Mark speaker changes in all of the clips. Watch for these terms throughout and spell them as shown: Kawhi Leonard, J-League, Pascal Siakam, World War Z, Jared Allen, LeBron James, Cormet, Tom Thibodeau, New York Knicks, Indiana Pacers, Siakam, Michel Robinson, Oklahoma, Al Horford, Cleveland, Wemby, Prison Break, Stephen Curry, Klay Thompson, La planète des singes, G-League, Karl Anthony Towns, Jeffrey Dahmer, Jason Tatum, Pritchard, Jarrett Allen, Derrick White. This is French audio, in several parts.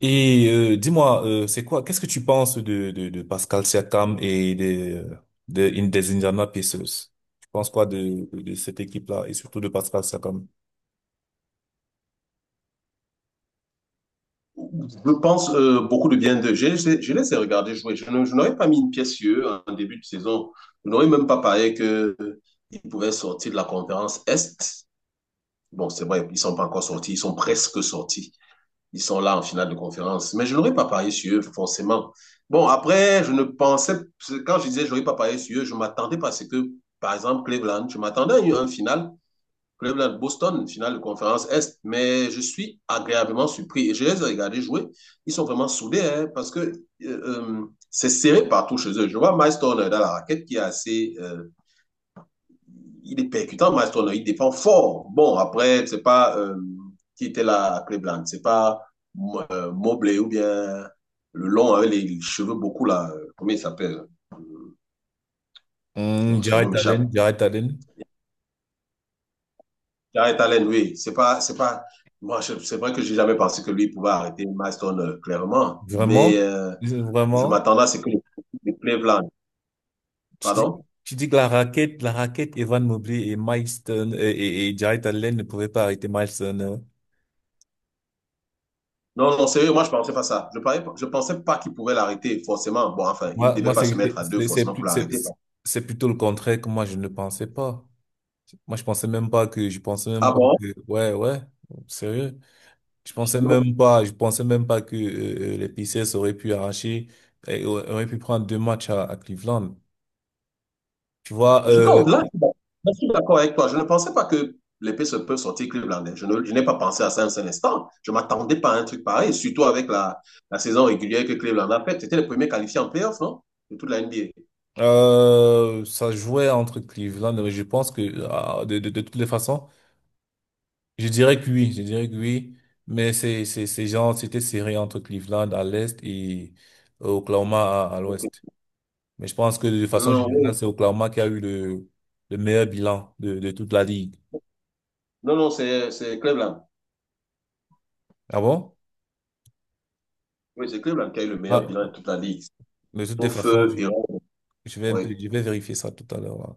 Speaker 1: Dis-moi, c'est quoi, qu'est-ce que tu penses de Pascal Siakam et des Indiana Pacers? Tu penses quoi de cette équipe-là et surtout de Pascal Siakam?
Speaker 2: Je pense beaucoup de bien d'eux. Je les ai regardés jouer. Je n'aurais pas mis une pièce sur eux en début de saison. Je n'aurais même pas parlé qu'ils pouvaient sortir de la conférence Est. Bon, c'est vrai, ils ne sont pas encore sortis. Ils sont presque sortis. Ils sont là en finale de conférence. Mais je n'aurais pas parié sur eux, forcément. Bon, après, je ne pensais, quand je disais je n'aurais pas parié sur eux, je m'attendais parce que, par exemple, Cleveland, je m'attendais à une finale. Cleveland-Boston, finale de conférence Est. Mais je suis agréablement surpris. Et je les ai regardés jouer. Ils sont vraiment soudés hein, parce que euh, c'est serré partout chez eux. Je vois Miles Turner dans la raquette qui est assez il est percutant, Maston. Il défend fort. Bon, après, c'est pas qui était là à Cleveland. C'est pas Mobley ou bien le long avec les cheveux beaucoup là. Comment il s'appelle
Speaker 1: Hmm,
Speaker 2: son nom
Speaker 1: Jarrett Allen,
Speaker 2: m'échappe.
Speaker 1: Jarrett Allen,
Speaker 2: Jared Allen, oui. C'est pas. Moi, c'est vrai que j'ai jamais pensé que lui pouvait arrêter Maston clairement, mais
Speaker 1: vraiment,
Speaker 2: je
Speaker 1: vraiment.
Speaker 2: m'attendais à ce que le Cleveland.
Speaker 1: Tu dis,
Speaker 2: Pardon.
Speaker 1: tu dis que la raquette Evan Mobley et et Jarrett Allen ne pouvaient pas arrêter Miles Turner.
Speaker 2: Non, non, sérieux, moi je pensais pas ça. Je parlais, je pensais pas qu'il pouvait l'arrêter forcément. Bon, enfin, il ne
Speaker 1: Moi,
Speaker 2: devait pas se mettre à deux forcément pour l'arrêter.
Speaker 1: c'est plutôt le contraire que moi je ne pensais pas. Moi, je pensais même
Speaker 2: Ah
Speaker 1: pas
Speaker 2: bon?
Speaker 1: que, ouais, ouais, sérieux. Je pensais même pas que les Pacers auraient pu prendre deux matchs à Cleveland. Tu vois,
Speaker 2: Je, non, là, je suis d'accord avec toi. Je ne pensais pas que l'épée se peut sortir Clevelandais. Je n'ai pas pensé à ça un seul instant. Je ne m'attendais pas à un truc pareil, surtout avec la, la saison régulière que Cleveland a faite. C'était le premier qualifié en playoff, non? De toute la NBA.
Speaker 1: ça jouait entre Cleveland, mais je pense que, de toutes les façons, je dirais que oui, mais c'est genre, c'était serré entre Cleveland à l'est et Oklahoma à
Speaker 2: Donc,
Speaker 1: l'ouest. Mais je pense que de façon
Speaker 2: non, oui.
Speaker 1: générale, c'est Oklahoma qui a eu le meilleur bilan de toute la ligue.
Speaker 2: Non, c'est Cleveland.
Speaker 1: Ah bon?
Speaker 2: Oui, c'est Cleveland qui a eu le meilleur
Speaker 1: Ah,
Speaker 2: bilan de toute la ligue.
Speaker 1: mais de toutes les
Speaker 2: Sauf
Speaker 1: façons,
Speaker 2: Iran. Oui.
Speaker 1: je vais vérifier ça tout à l'heure là.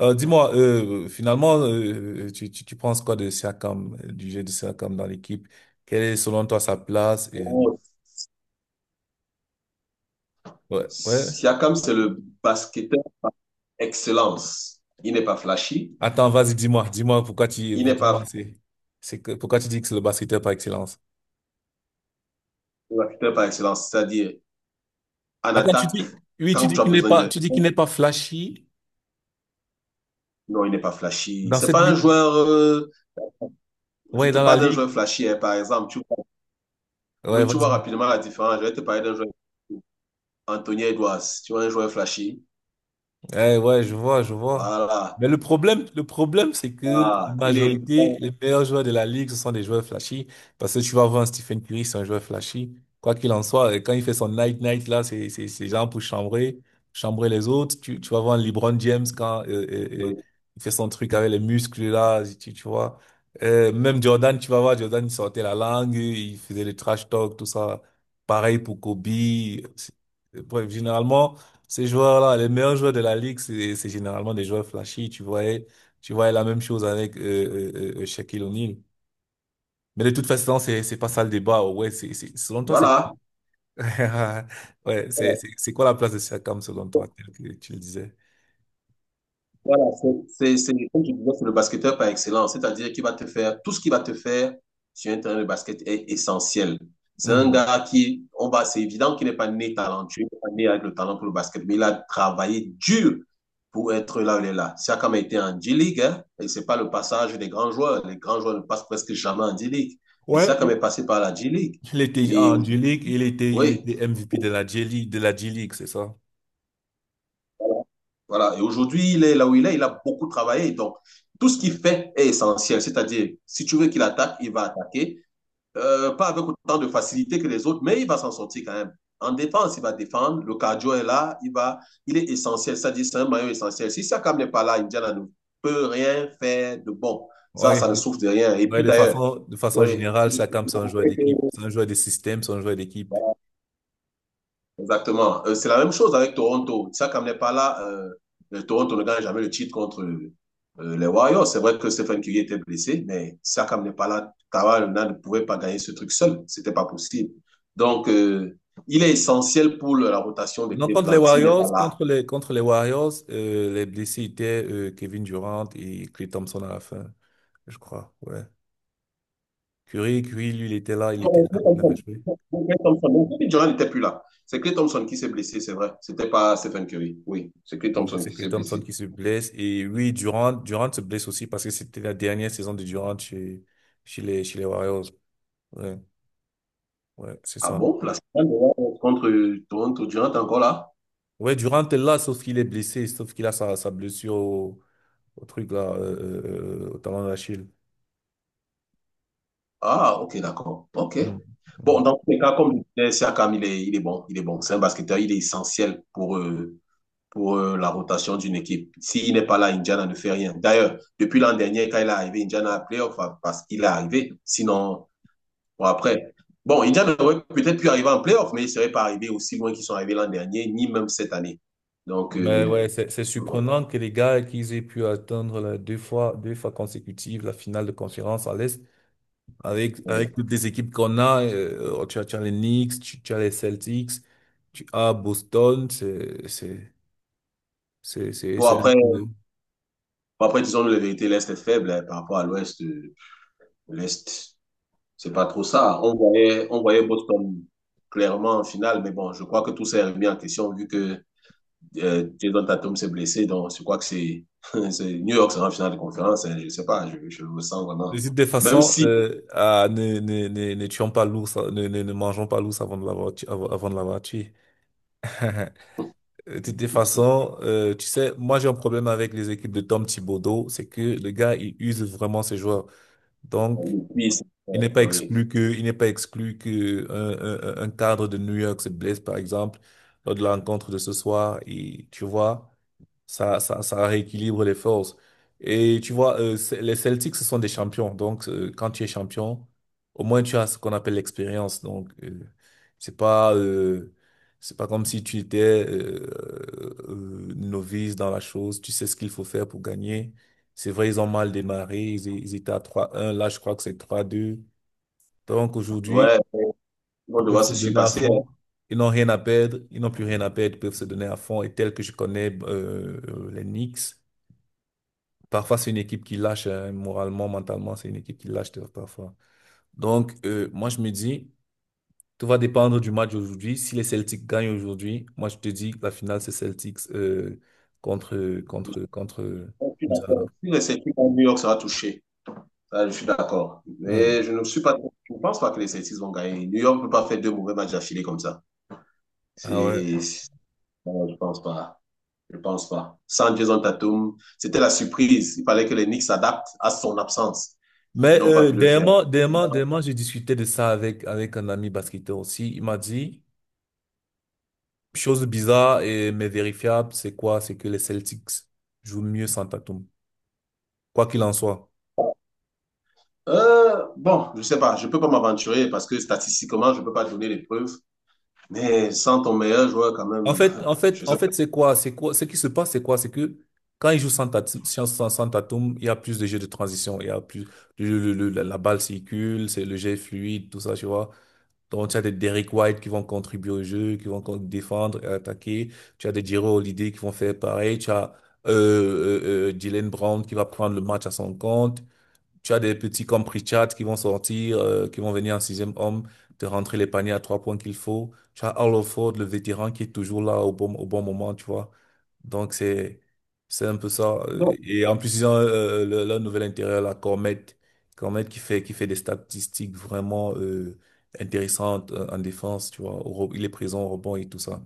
Speaker 1: Dis-moi, finalement, tu penses quoi de Siakam, du jeu de Siakam dans l'équipe? Quelle est selon toi sa place? Et...
Speaker 2: Oh,
Speaker 1: Ouais, ouais.
Speaker 2: Siakam, c'est le basketteur par excellence. Il n'est pas flashy.
Speaker 1: Attends, vas-y, dis-moi pourquoi tu,
Speaker 2: Il n'est
Speaker 1: dis-moi,
Speaker 2: pas
Speaker 1: pourquoi tu dis que c'est le basketteur par excellence?
Speaker 2: ouais, basketteur par excellence. C'est-à-dire, en
Speaker 1: Attends, tu
Speaker 2: attaque
Speaker 1: dis, oui,
Speaker 2: quand tu as besoin de.
Speaker 1: tu dis qu'il n'est pas flashy
Speaker 2: Non, il n'est pas flashy.
Speaker 1: dans
Speaker 2: C'est
Speaker 1: cette
Speaker 2: pas un
Speaker 1: ligue.
Speaker 2: joueur. Je
Speaker 1: Ouais,
Speaker 2: te
Speaker 1: dans la
Speaker 2: parle d'un joueur
Speaker 1: ligue.
Speaker 2: flashy, hein, par exemple. Tu vois,
Speaker 1: Ouais,
Speaker 2: oui, tu vois
Speaker 1: vas-y.
Speaker 2: rapidement la différence. Je vais te parler d'un joueur. Anthony Edwards, tu vois, un joueur flashy.
Speaker 1: Eh ouais, je vois, je vois.
Speaker 2: Voilà.
Speaker 1: Mais le problème, c'est que la
Speaker 2: Ah, il est.
Speaker 1: majorité, les meilleurs joueurs de la ligue, ce sont des joueurs flashy. Parce que tu vas voir un Stephen Curry, c'est un joueur flashy. Quoi qu'il en soit, et quand il fait son night night là, c'est genre pour chambrer les autres. Tu vas voir un LeBron James quand
Speaker 2: Oui.
Speaker 1: il fait son truc avec les muscles là, tu vois. Même Jordan, tu vas voir Jordan, il sortait la langue, il faisait le trash talk, tout ça. Pareil pour Kobe. C'est- Bref, généralement. Ces joueurs-là, les meilleurs joueurs de la ligue, c'est généralement des joueurs flashy. Tu voyais la même chose avec Shaquille O'Neal. Mais de toute façon, c'est pas ça le débat. Ouais, c'est selon toi, c'est
Speaker 2: Voilà.
Speaker 1: ouais, c'est quoi la place de Siakam selon toi, tel que tu le disais?
Speaker 2: Voilà, c'est comme je disais, c'est le basketteur par excellence, c'est-à-dire qu'il va te faire, tout ce qu'il va te faire sur un terrain de basket est essentiel. C'est un
Speaker 1: Mhm.
Speaker 2: gars qui, on va, c'est évident qu'il n'est pas né talentueux, il n'est pas né avec le talent pour le basket, mais il a travaillé dur pour être là où il est là. Siakam a été en G-League, hein, et c'est pas le passage des grands joueurs. Les grands joueurs ne passent presque jamais en G-League. Mais
Speaker 1: Ouais,
Speaker 2: Siakam est
Speaker 1: il
Speaker 2: passé par la G-League.
Speaker 1: il était
Speaker 2: Et
Speaker 1: en J-League, il était il
Speaker 2: oui,
Speaker 1: était MVP de la J-League, c'est ça?
Speaker 2: voilà. Et aujourd'hui, il est là où il est, il a beaucoup travaillé. Donc, tout ce qu'il fait est essentiel. C'est-à-dire, si tu veux qu'il attaque, il va attaquer. Pas avec autant de facilité que les autres, mais il va s'en sortir quand même. En défense, il va défendre. Le cardio est là. Il est essentiel. C'est-à-dire, c'est un maillot essentiel. Si Siakam n'est pas là, Indiana ne peut rien faire de bon. Ça,
Speaker 1: Ouais.
Speaker 2: ça ne souffre de rien. Et
Speaker 1: Ouais,
Speaker 2: puis d'ailleurs,
Speaker 1: de façon
Speaker 2: ouais,
Speaker 1: générale, Siakam, c'est un joueur d'équipe, c'est un joueur de système, c'est un joueur d'équipe.
Speaker 2: exactement. C'est la même chose avec Toronto. Siakam n'est pas là. Le Toronto ne gagne jamais le titre contre les Warriors. C'est vrai que Stephen Curry était blessé, mais Siakam n'est pas là. Kawhi Leonard ne pouvait pas gagner ce truc seul. C'était pas possible. Donc, il est essentiel pour la rotation de
Speaker 1: Non, contre les
Speaker 2: Cleveland. S'il n'est pas
Speaker 1: Warriors,
Speaker 2: là.
Speaker 1: contre les Warriors, les blessés étaient Kevin Durant et Klay Thompson à la fin, je crois. Ouais. Curry, lui, il était
Speaker 2: Donc,
Speaker 1: là,
Speaker 2: Klay
Speaker 1: il avait
Speaker 2: Thompson.
Speaker 1: joué.
Speaker 2: Donc, Donc, Kevin Durant n'était plus là. C'est Klay Thompson qui s'est blessé, c'est vrai. C'était pas Stephen Curry. Oui, c'est Klay
Speaker 1: Ouais.
Speaker 2: Thompson
Speaker 1: C'est
Speaker 2: qui
Speaker 1: Klay
Speaker 2: s'est
Speaker 1: Thompson
Speaker 2: blessé.
Speaker 1: qui se blesse. Et oui, Durant se blesse aussi parce que c'était la dernière saison de Durant chez les Warriors. Ouais, ouais, c'est
Speaker 2: Ah
Speaker 1: ça.
Speaker 2: bon? La finale de Warriors contre Toronto, Durant est encore là?
Speaker 1: Ouais, Durant est là, sauf qu'il est blessé, sauf qu'il a sa blessure au truc là, euh, au talon d'Achille.
Speaker 2: Ah, ok, d'accord. Ok.
Speaker 1: Mhm.
Speaker 2: Bon,
Speaker 1: Mhm.
Speaker 2: dans tous les cas, comme je disais, Siakam, il est bon. Il est bon. C'est un basketteur, il est essentiel pour, la rotation d'une équipe. S'il n'est pas là, Indiana ne fait rien. D'ailleurs, depuis l'an dernier, quand il est arrivé, Indiana a playoff enfin, parce qu'il est arrivé. Sinon, bon, après. Bon, Indiana aurait peut-être pu arriver en playoff, mais il ne serait pas arrivé aussi loin qu'ils sont arrivés l'an dernier, ni même cette année. Donc,
Speaker 1: Mais ouais, c'est
Speaker 2: bon,
Speaker 1: surprenant que les gars qu'ils aient pu atteindre la deux fois consécutives la finale de conférence à l'Est avec
Speaker 2: ouais.
Speaker 1: toutes les équipes qu'on a. Tu as les Knicks, tu as les Celtics, tu as Boston. C'est c'est un
Speaker 2: Bon,
Speaker 1: peu-
Speaker 2: après disons-nous la vérité, l'Est est faible hein, par rapport à l'Ouest. L'Est. C'est pas trop ça. On voyait Boston clairement en finale, mais bon, je crois que tout s'est remis en question vu que Jason Tatum s'est blessé. Donc, je crois que c'est New York sera en finale de conférence. Hein, je sais pas, je le sens vraiment.
Speaker 1: Les autres, de
Speaker 2: Même
Speaker 1: façon,
Speaker 2: si,
Speaker 1: ne tuons pas l'ours, ne mangeons pas l'ours avant de l'avoir avant de l'avoir tué. De toutes les façons, tu sais, moi j'ai un problème avec les équipes de Tom Thibodeau, c'est que le gars, il use vraiment ses joueurs. Donc,
Speaker 2: oui, c'est- oui.
Speaker 1: il n'est pas exclu que un cadre de New York se blesse, par exemple, lors de la rencontre de ce soir. Et tu vois, ça rééquilibre les forces. Et tu vois, les Celtics, ce sont des champions. Donc, quand tu es champion, au moins tu as ce qu'on appelle l'expérience. Donc, c'est pas, euh, c'est pas comme si tu étais euh, novice dans la chose. Tu sais ce qu'il faut faire pour gagner. C'est vrai, ils ont mal démarré. Ils étaient à trois un. Là, je crois que c'est trois deux. Donc, aujourd'hui,
Speaker 2: Ouais, on
Speaker 1: ils peuvent
Speaker 2: devra
Speaker 1: se
Speaker 2: se
Speaker 1: donner à
Speaker 2: surpasser. Hein.
Speaker 1: fond. Ils n'ont rien à perdre. Ils n'ont plus rien à perdre. Ils peuvent se donner à fond. Et tel que je connais les Knicks. Parfois, c'est une équipe qui lâche, hein, moralement, mentalement, c'est une équipe qui lâche parfois. Donc, moi, je me dis, tout va dépendre du match aujourd'hui. Si les Celtics gagnent aujourd'hui, moi, je te dis que la finale, c'est Celtics contre
Speaker 2: Je suis
Speaker 1: Indiana.
Speaker 2: d'accord. Si les Celtics gagnent, New York sera touché. Ça, je suis d'accord.
Speaker 1: Mm.
Speaker 2: Mais je ne suis pas, je ne pense pas que les Celtics vont gagner. New York ne peut pas faire deux mauvais matchs d'affilée comme ça.
Speaker 1: Ah ouais.
Speaker 2: C'est, non, je pense pas. Je ne pense pas. Sans en Tatum, c'était la surprise. Il fallait que les Knicks s'adaptent à son absence. Ils
Speaker 1: Mais
Speaker 2: n'ont pas pu le faire.
Speaker 1: dernièrement, j'ai discuté de ça avec un ami basketteur aussi. Il m'a dit, chose bizarre et mais vérifiable, c'est quoi? C'est que les Celtics jouent mieux sans Tatum. Quoi qu'il en soit.
Speaker 2: Bon, je ne sais pas, je ne peux pas m'aventurer parce que statistiquement, je ne peux pas donner les preuves. Mais sans ton meilleur joueur, quand même, je sais
Speaker 1: En
Speaker 2: pas.
Speaker 1: fait, c'est quoi? C'est quoi? Ce qui se passe, c'est quoi? C'est que quand ils jouent sans Tatum, il y a plus de jeux de transition, il y a plus la balle circule, c'est le jet est fluide, tout ça, tu vois. Donc, tu as des Derrick White qui vont contribuer au jeu, qui vont défendre et attaquer. Tu as des Jrue Holiday qui vont faire pareil. Tu as Jaylen Brown qui va prendre le match à son compte. Tu as des petits comme Pritchard qui vont sortir, qui vont venir en sixième homme, te rentrer les paniers à trois points qu'il faut. Tu as Hollowford, le vétéran, qui est toujours là au au bon moment, tu vois. Donc, c'est un peu ça.
Speaker 2: Bon,
Speaker 1: Et en plus, ils ont leur nouvel intérieur, la Cormet. Cormet qui fait des statistiques vraiment intéressantes en défense, tu vois. Il est présent au rebond et tout ça.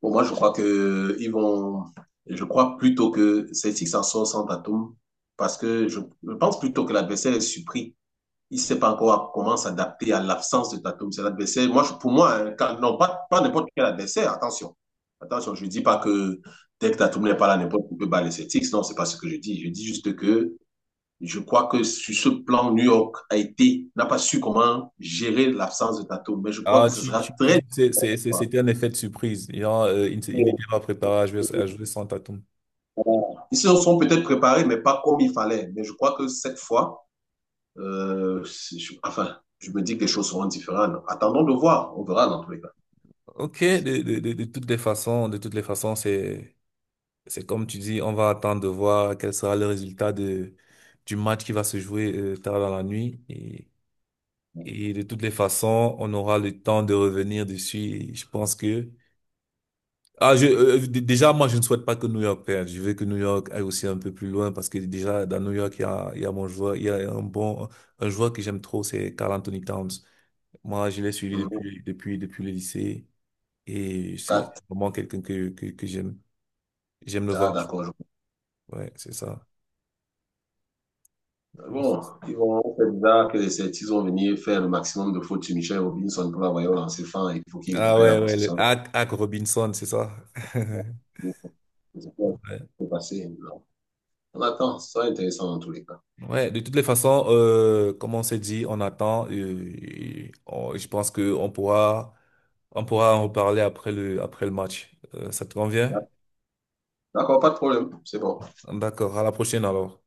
Speaker 2: pour moi, je crois que ils vont. Je crois plutôt que Celtics en sort sans Tatum parce que je pense plutôt que l'adversaire est surpris, il ne sait pas encore comment s'adapter à l'absence de Tatum. C'est l'adversaire. Moi, pour moi, hein, non, pas, pas n'importe quel adversaire, attention. Attention, je ne dis pas que dès que Tatum n'est pas là, n'importe qui peut battre les Celtics. Non, ce n'est pas ce que je dis. Je dis juste que je crois que sur ce plan, New York a été, n'a pas su comment gérer l'absence de Tatum. Mais je crois
Speaker 1: Ah,
Speaker 2: que ce sera très
Speaker 1: tu dis que
Speaker 2: difficile.
Speaker 1: c'était un effet de surprise. Il, a, il ne s'est- il n'était pas préparé à jouer sans Tatum.
Speaker 2: Ils se sont peut-être préparés, mais pas comme il fallait. Mais je crois que cette fois, enfin, je me dis que les choses seront différentes. Attendons de voir. On verra dans tous les cas.
Speaker 1: Ok, de toutes les façons, de toutes les façons, c'est comme tu dis, on va attendre de voir quel sera le résultat du match qui va se jouer tard dans la nuit. Et de toutes les façons, on aura le temps de revenir dessus. Et je pense que, déjà, moi, je ne souhaite pas que New York perde. Je veux que New York aille aussi un peu plus loin parce que déjà, dans New York, il y a mon joueur, il y a un bon, un joueur que j'aime trop, c'est Karl Anthony Towns. Moi, je l'ai suivi
Speaker 2: Non,
Speaker 1: depuis le lycée. Et c'est
Speaker 2: quatre.
Speaker 1: vraiment quelqu'un que j'aime. J'aime le
Speaker 2: Ah,
Speaker 1: voir jouer.
Speaker 2: d'accord. Je-
Speaker 1: Ouais, c'est ça.
Speaker 2: bon, ils vont, on sait déjà que les Celtics vont venir faire le maximum de fautes sur Michel Robinson pour l'envoyer au lancer fin. Et il faut qu'il
Speaker 1: Ah
Speaker 2: récupère la
Speaker 1: ouais, ouais, le
Speaker 2: possession.
Speaker 1: Hack Robinson, c'est ça.
Speaker 2: Je pas
Speaker 1: Ouais.
Speaker 2: ce passé. Non. On attend. Ça sera intéressant dans tous les cas.
Speaker 1: Ouais, de toutes les façons, comme on s'est dit, on attend. Je pense que on pourra en reparler après après le match. Ça te convient?
Speaker 2: D'accord, pas de problème. C'est bon.
Speaker 1: D'accord, à la prochaine alors.